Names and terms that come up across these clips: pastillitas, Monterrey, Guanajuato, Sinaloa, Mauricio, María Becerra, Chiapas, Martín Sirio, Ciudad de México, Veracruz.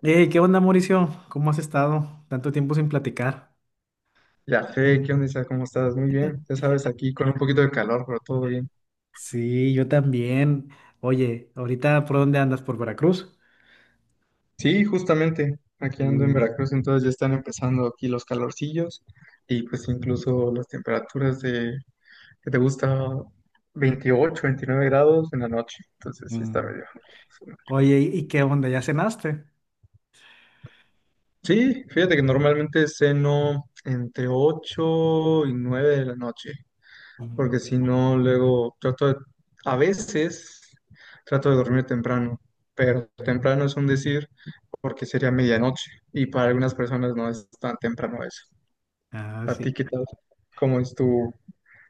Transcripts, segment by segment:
Hey, ¿qué onda, Mauricio? ¿Cómo has estado? Tanto tiempo sin platicar. Ya fe, ¿qué onda, Isa? ¿Cómo estás? Muy bien, ya sabes, aquí con un poquito de calor, pero todo bien. Sí, yo también. Oye, ahorita, ¿por dónde andas? ¿Por Veracruz? Sí, justamente, aquí ando en Mm, Veracruz, entonces ya están empezando aquí los calorcillos y pues incluso las temperaturas de, que te gusta, 28, 29 grados en la noche, entonces sí mm. está medio. Oye, ¿y qué onda? ¿Ya cenaste? Sí, fíjate que normalmente ceno entre 8 y 9 de la noche, Mm, porque si no, luego a veces trato de dormir temprano, pero mm. temprano es un decir porque sería medianoche y para algunas personas no es tan temprano eso. Ah, ¿A sí. ti qué tal? ¿Cómo es tu,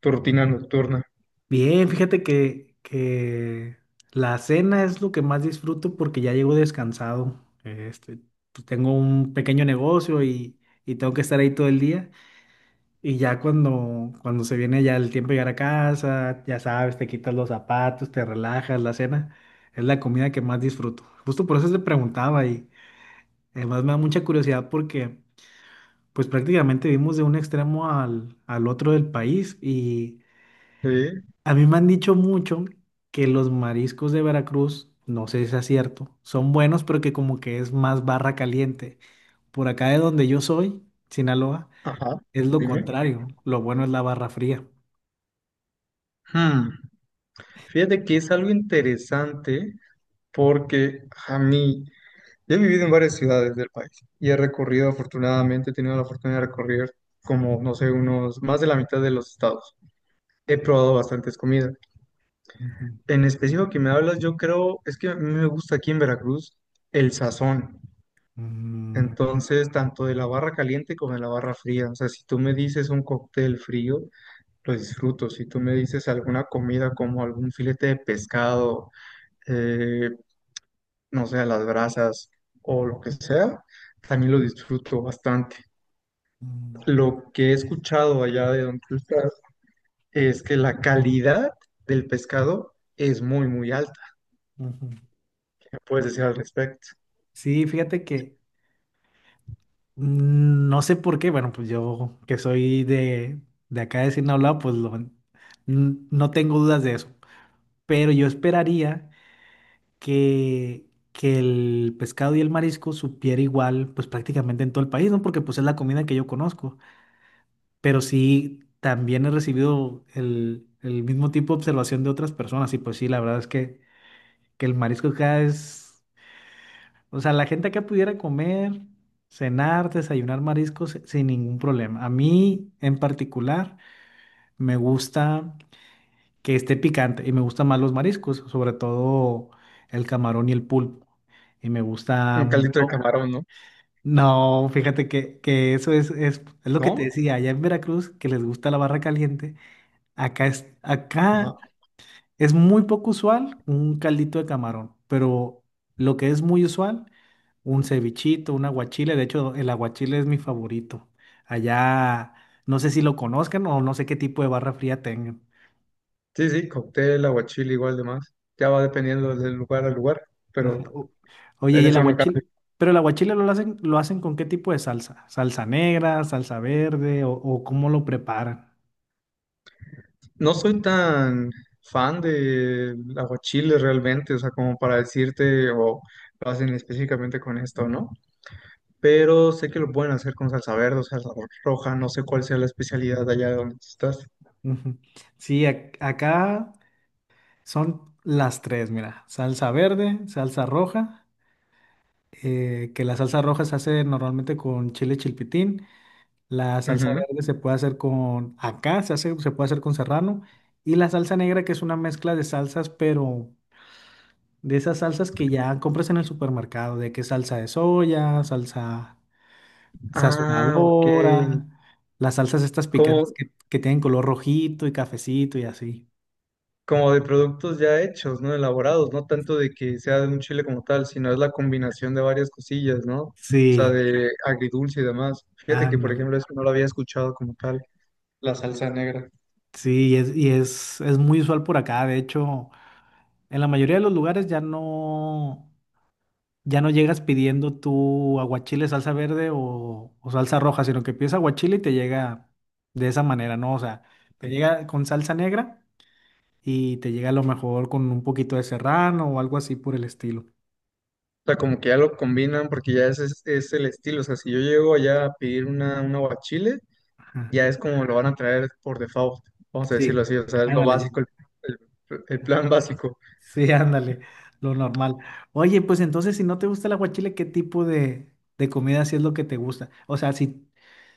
tu rutina nocturna? Bien, fíjate que la cena es lo que más disfruto porque ya llego descansado. Pues tengo un pequeño negocio y tengo que estar ahí todo el día. Y ya cuando se viene ya el tiempo de llegar a casa, ya sabes, te quitas los zapatos, te relajas, la cena, es la comida que más disfruto. Justo por eso te preguntaba y además me da mucha curiosidad porque pues prácticamente vivimos de un extremo al otro del país y Sí, a mí me han dicho mucho que los mariscos de Veracruz, no sé si es cierto, son buenos pero que como que es más barra caliente. Por acá de donde yo soy, Sinaloa, ajá, es lo dime. contrario, lo bueno es la barra fría. Hmm, Fíjate que es algo interesante porque a mí, yo he vivido en varias ciudades del país y afortunadamente, he tenido la fortuna de recorrer como, no sé, unos más de la mitad de los estados. He probado bastantes comidas. Ujú. En específico que me hablas, yo creo, es que a mí me gusta aquí en Veracruz el sazón. Mm, Entonces, tanto de la barra caliente como de la barra fría. O sea, si tú me dices un cóctel frío, lo disfruto. Si tú me dices alguna comida como algún filete de pescado, eh, no sé, a las brasas o lo que sea, también lo disfruto bastante. mm, Lo que he escuchado allá de donde tú estás es que la calidad del pescado es muy, muy alta. ujú. ¿Puedes decir al respecto? Sí, fíjate que no sé por qué, bueno, pues yo que soy de acá de Sinaloa, no tengo dudas de eso. Pero yo esperaría que, que el pescado y el marisco supiera igual, pues prácticamente en todo el país, ¿no? Porque pues es la comida que yo conozco. Pero sí, también he recibido el mismo tipo de observación de otras personas y pues sí, la verdad es que el marisco acá es... O sea, la gente acá pudiera comer, cenar, desayunar mariscos sin ningún problema. A mí en particular me gusta que esté picante y me gustan más los mariscos, sobre todo el camarón y el pulpo. Y me gusta Un caldito de mucho. camarón, ¿no? No, fíjate que es lo que te ¿No? decía, allá en Veracruz, que les gusta la barra caliente. Acá Ajá. es muy poco usual un caldito de camarón, pero lo que es muy usual, un cevichito, un aguachile. De hecho, el aguachile es mi favorito. Allá, no sé si lo conozcan o no sé qué tipo de barra fría tengan. Sí, sí, cóctel, aguachile, igual de más. Ya va dependiendo del lugar al lugar, pero Ajá. Oye, en ¿y el eso no aguachile? cambia. Pero el aguachile lo hacen con qué tipo de salsa? ¿Salsa negra, salsa verde o cómo lo preparan? No soy tan fan del aguachile realmente, o sea, como para decirte o lo hacen específicamente con esto, ¿no? Pero sé que lo pueden hacer con salsa verde o salsa roja, no sé cuál sea la especialidad de allá de donde tú estás. Ujú. Sí, acá son las tres, mira, salsa verde, salsa roja. Que la salsa roja se hace normalmente con chile chilpitín, la salsa Ujú. verde se puede hacer con acá, se puede hacer con serrano, y la salsa negra que es una mezcla de salsas, pero de esas salsas que ya compras en el supermercado, de que salsa de soya, salsa Ah, ok. sazonadora, las salsas estas ¿Cómo, picantes que tienen color rojito y cafecito y así. como de productos ya hechos, ¿no? Elaborados, no tanto de que sea de un chile como tal, sino es la combinación de varias cosillas, ¿no? O sea, Sí, de agridulce y demás. Fíjate que, por ándale. ejemplo, eso no lo había escuchado como tal, la salsa negra. Sí, es muy usual por acá. De hecho, en la mayoría de los lugares ya no. Ya no llegas pidiendo tu aguachile, salsa verde o salsa roja, sino que pides aguachile y te llega de esa manera, ¿no? O sea, te llega con salsa negra y te llega a lo mejor con un poquito de serrano o algo así por el estilo. O sea, como que ya lo combinan porque ya ese es el estilo. O sea, si yo llego allá a pedir un aguachile, Ajá. ya es como lo van a traer por default, vamos a decirlo Sí. así. O sea, es lo Ándale, ya. básico, el- el plan básico. Sí, ándale, lo normal. Oye, pues entonces, si no te gusta el aguachile, ¿qué tipo de comida sí es lo que te gusta? O sea, si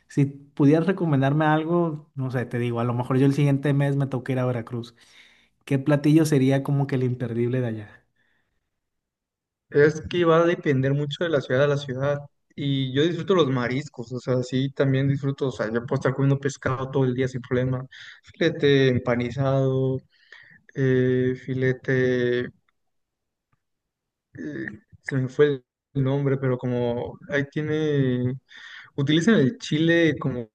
si pudieras recomendarme algo, no sé, te digo, a lo mejor yo el siguiente mes me toca ir a Veracruz. ¿Qué platillo sería como que el imperdible de allá? Es que va a depender mucho de la ciudad a la ciudad. Y yo disfruto los mariscos, o sea, sí, también disfruto, o sea, yo puedo estar comiendo pescado todo el día sin problema. Filete empanizado, filete, se me fue el nombre, pero como ahí tiene, utilizan el chile como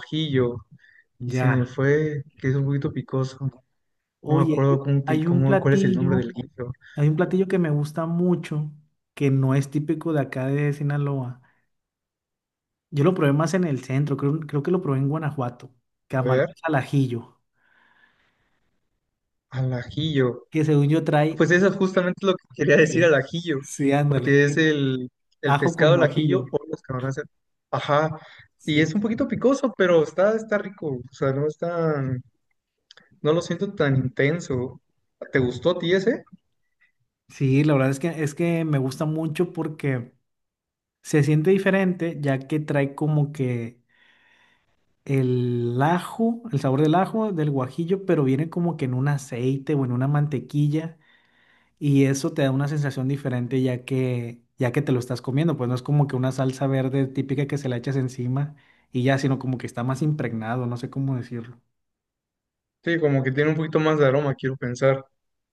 ajillo y se me Ya. fue, que es un poquito picoso. No me Oye, acuerdo hay un cuál es el nombre platillo, del guillo. hay un platillo que me gusta mucho, que no es típico de acá de Sinaloa. Yo lo probé más en el centro, creo que lo probé en Guanajuato. A ver, Camarones al ajillo, al ajillo. que según yo trae... Pues eso justamente es lo que quería decir Sí, al ajillo, sí, ándale, porque es que el ajo con pescado al guajillo. ajillo o los camarones. Ajá, y es Sí. un poquito picoso, pero está rico, o sea, no es tan, no lo siento tan intenso. ¿Te gustó a ti ese? Sí, la verdad es es que me gusta mucho porque... Se siente diferente ya que trae como que el ajo, el sabor del ajo, del guajillo, pero viene como que en un aceite o en una mantequilla y eso te da una sensación diferente ya que te lo estás comiendo, pues no es como que una salsa verde típica que se la echas encima y ya, sino como que está más impregnado, no sé cómo decirlo. Sí, como que tiene un poquito más de aroma, quiero pensar.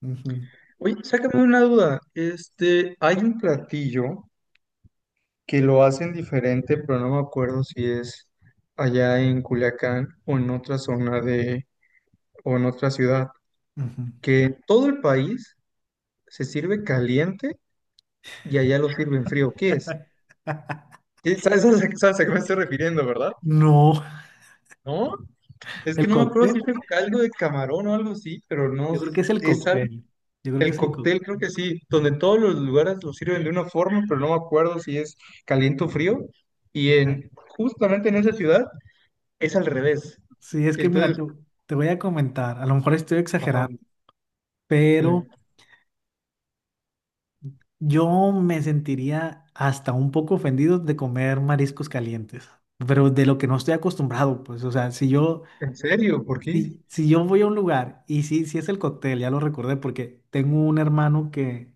Ujú, Oye, sácame una duda, hay un platillo que lo hacen diferente, pero no me acuerdo si es allá en Culiacán o en otra zona de, o en otra ciudad ujú. que en todo el país se sirve caliente y allá lo sirven frío. ¿Qué es? ¿Sabes a qué me estoy refiriendo, ¿verdad? No, No, es que el no me acuerdo si cóctel. es el caldo de camarón o algo así, pero no Yo creo que es el es cóctel. Yo creo que el es el cóctel. cóctel, creo que sí, donde todos los lugares lo sirven de una forma, pero no me acuerdo si es caliente o frío. Y en justamente en esa ciudad es al revés. Sí, es que mira, Entonces, te voy a comentar. A lo mejor estoy ajá, exagerando. Pero eh, yo me sentiría hasta un poco ofendido de comer mariscos calientes, pero de lo que no estoy acostumbrado, pues, o sea, ¿en serio? ¿Por qué? si, si yo voy a un lugar y sí, sí es el cóctel, ya lo recordé porque tengo un hermano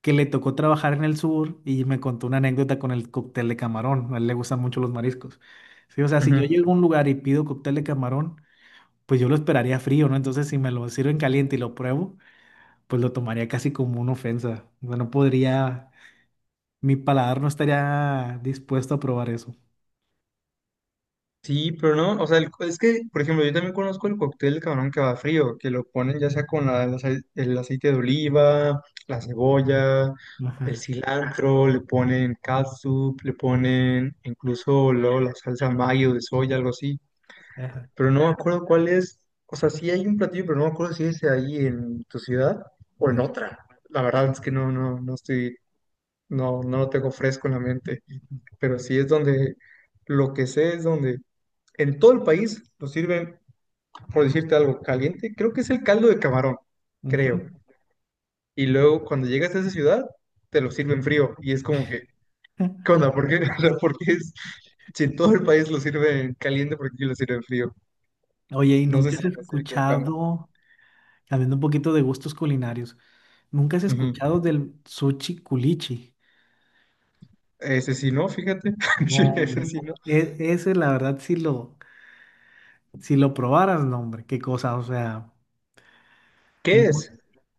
que le tocó trabajar en el sur y me contó una anécdota con el cóctel de camarón, a él le gustan mucho los mariscos. Sí, o sea, si yo llego a un lugar y pido cóctel de camarón, pues yo lo esperaría frío, ¿no? Entonces, si me lo sirven caliente y lo pruebo, pues lo tomaría casi como una ofensa. O sea, no podría. Mi paladar no estaría dispuesto a probar eso. Sí, pero no, o sea, es que, por ejemplo, yo también conozco el cóctel de camarón que va frío, que lo ponen ya sea con el aceite de oliva, la cebolla, el Ajá, cilantro, le ponen catsup, le ponen incluso luego la salsa mayo de soya, algo así. ajá. Pero no me acuerdo cuál es, o sea, sí hay un platillo, pero no me acuerdo si es ahí en tu ciudad o en Ujú, otra. La verdad es que no, no, no estoy, no, no lo tengo fresco en la mente, pero sí es lo que sé es donde en todo el país lo sirven, por decirte algo, caliente. Creo que es el caldo de camarón, ujú. creo. Y luego cuando llegas a esa ciudad, te lo sirven frío. Y es como que, ¿qué onda? ¿Por qué? O sea, ¿por qué es, si en todo el país lo sirven caliente, ¿por qué lo sirven frío? Oye, ¿y No sé nunca si has me estoy equivocando. escuchado, cambiando un poquito de gustos culinarios, nunca has Ujú. escuchado del sushi culichi? Ese sí no, fíjate. No, Sí, ese hombre, sí no. Ese la verdad si lo probaras, no, hombre, qué cosa, o sea, ¿Qué no- es?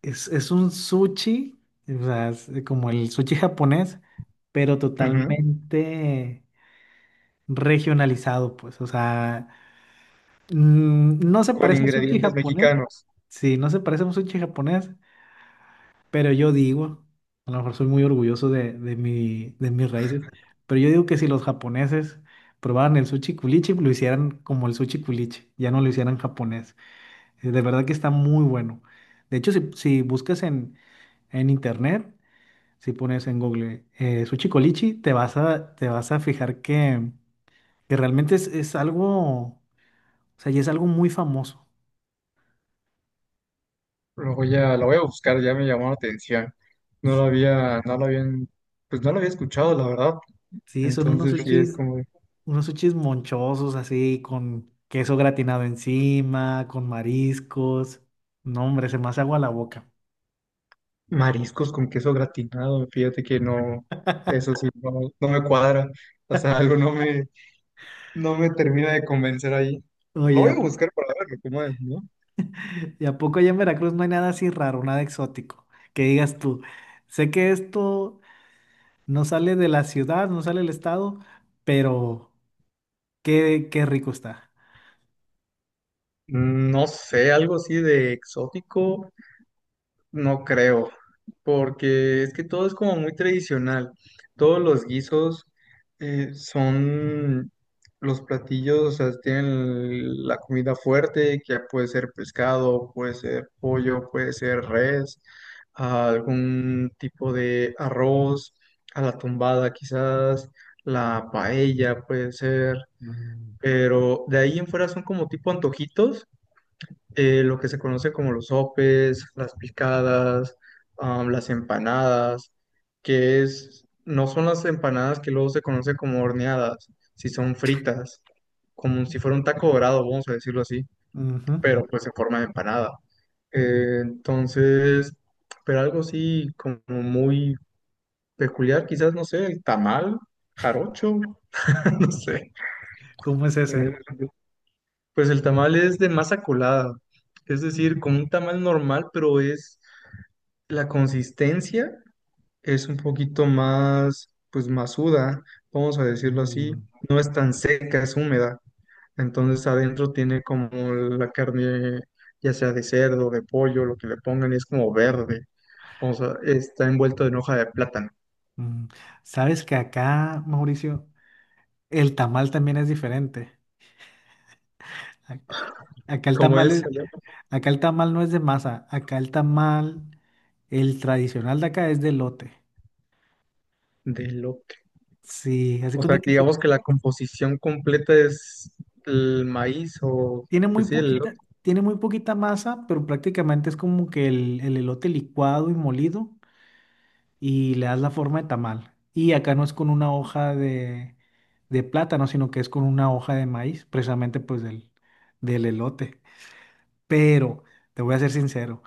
es un sushi, o sea, es como el sushi japonés, pero Ujú. totalmente regionalizado, pues, o sea, mm, no se Con parece a sushi ingredientes japonés. mexicanos. Sí, no se parece a un sushi japonés, pero yo digo, a lo mejor soy muy orgulloso de mi, de mis raíces, pero yo digo que si los japoneses probaran el sushi culichi, lo hicieran como el sushi culichi, ya no lo hicieran japonés. De verdad que está muy bueno. De hecho, si buscas en internet, si pones en Google sushi culichi, te te vas a fijar que realmente es algo, o sea, ya es algo muy famoso. Lo voy a buscar, ya me llamó la atención. No lo había, no lo habían, pues no lo había escuchado, la verdad. Sí, son Entonces sí es como, unos sushis monchosos así, con queso gratinado encima, con mariscos. No, hombre, se me hace agua la boca. mariscos con queso gratinado, fíjate que no, eso sí, no, no me cuadra, o sea, algo no me termina de convencer ahí. Lo Oye, voy a buscar para verlo, cómo es, ¿no? ¿y a poco allá en Veracruz no hay nada así raro, nada exótico? Que digas tú, sé que esto no sale de la ciudad, no sale del estado, pero qué, qué rico está. No sé, algo así de exótico, no creo, porque es que todo es como muy tradicional. Todos los guisos son los platillos, o sea, tienen la comida fuerte, que puede ser pescado, puede ser pollo, puede ser res, algún tipo de arroz, a la tumbada quizás, la paella puede ser, Mm, pero de ahí en fuera son como tipo antojitos lo que se conoce como los sopes, las picadas, las empanadas, no son las empanadas que luego se conoce como horneadas, si son fritas, como si fuera un taco dorado, vamos a decirlo así, ujú. pero pues en forma de empanada. Entonces, pero algo así como muy peculiar, quizás, no sé, el tamal, jarocho, no sé. ¿Cómo es En ese? ese sentido. Pues el tamal es de masa colada, es decir, como un tamal normal, pero es la consistencia es un poquito más, pues, masuda, vamos a decirlo así. Mm, No es tan seca, es húmeda. Entonces adentro tiene como la carne, ya sea de cerdo, de pollo, lo que le pongan, y es como verde. O sea, está envuelto en hoja de plátano. mm. ¿Sabes que acá, Mauricio, el tamal también es diferente? Acá el ¿Cómo tamal, es es- allá? Acá el tamal no es de masa, acá el tamal, el tradicional de acá es de lote. De elote. Sí, hace O sea, cuenta que digamos que la composición completa es el maíz o, tiene muy pues sí, el elote. poquita, tiene muy poquita masa, pero prácticamente es como que el elote licuado y molido y le das la forma de tamal. Y acá no es con una hoja de plátano, sino que es con una hoja de maíz, precisamente pues del elote. Pero te voy a ser sincero,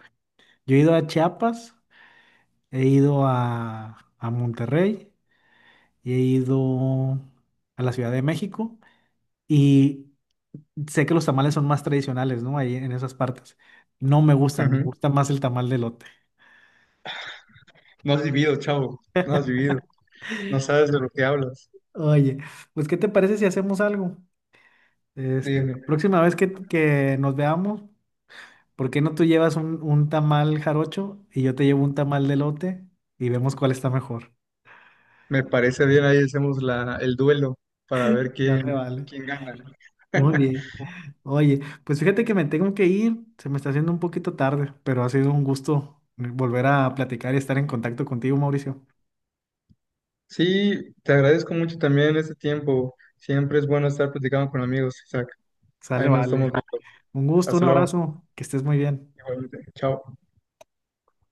yo he ido a Chiapas, he ido a Monterrey, y he ido a la Ciudad de México y sé que los tamales son más tradicionales, ¿no? Ahí en esas partes. No me gustan, me Ujú. gusta más el tamal de lote. No has vivido, chavo. No has vivido. No sabes de lo que hablas. Oye, pues ¿qué te parece si hacemos algo? La Dime. próxima vez que nos veamos, ¿por qué no tú llevas un tamal jarocho y yo te llevo un tamal de lote y vemos cuál está mejor? Me parece bien, ahí hacemos el duelo para ver Dale, quién, vale. quién gana, ¿no? Muy bien. Oye, pues fíjate que me tengo que ir, se me está haciendo un poquito tarde, pero ha sido un gusto volver a platicar y estar en contacto contigo, Mauricio. Sí, te agradezco mucho también este tiempo. Siempre es bueno estar platicando con amigos, Isaac. Sale, Ahí nos vale. estamos viendo. Un gusto, un Hasta luego. abrazo, que estés muy bien. Igualmente. Chao.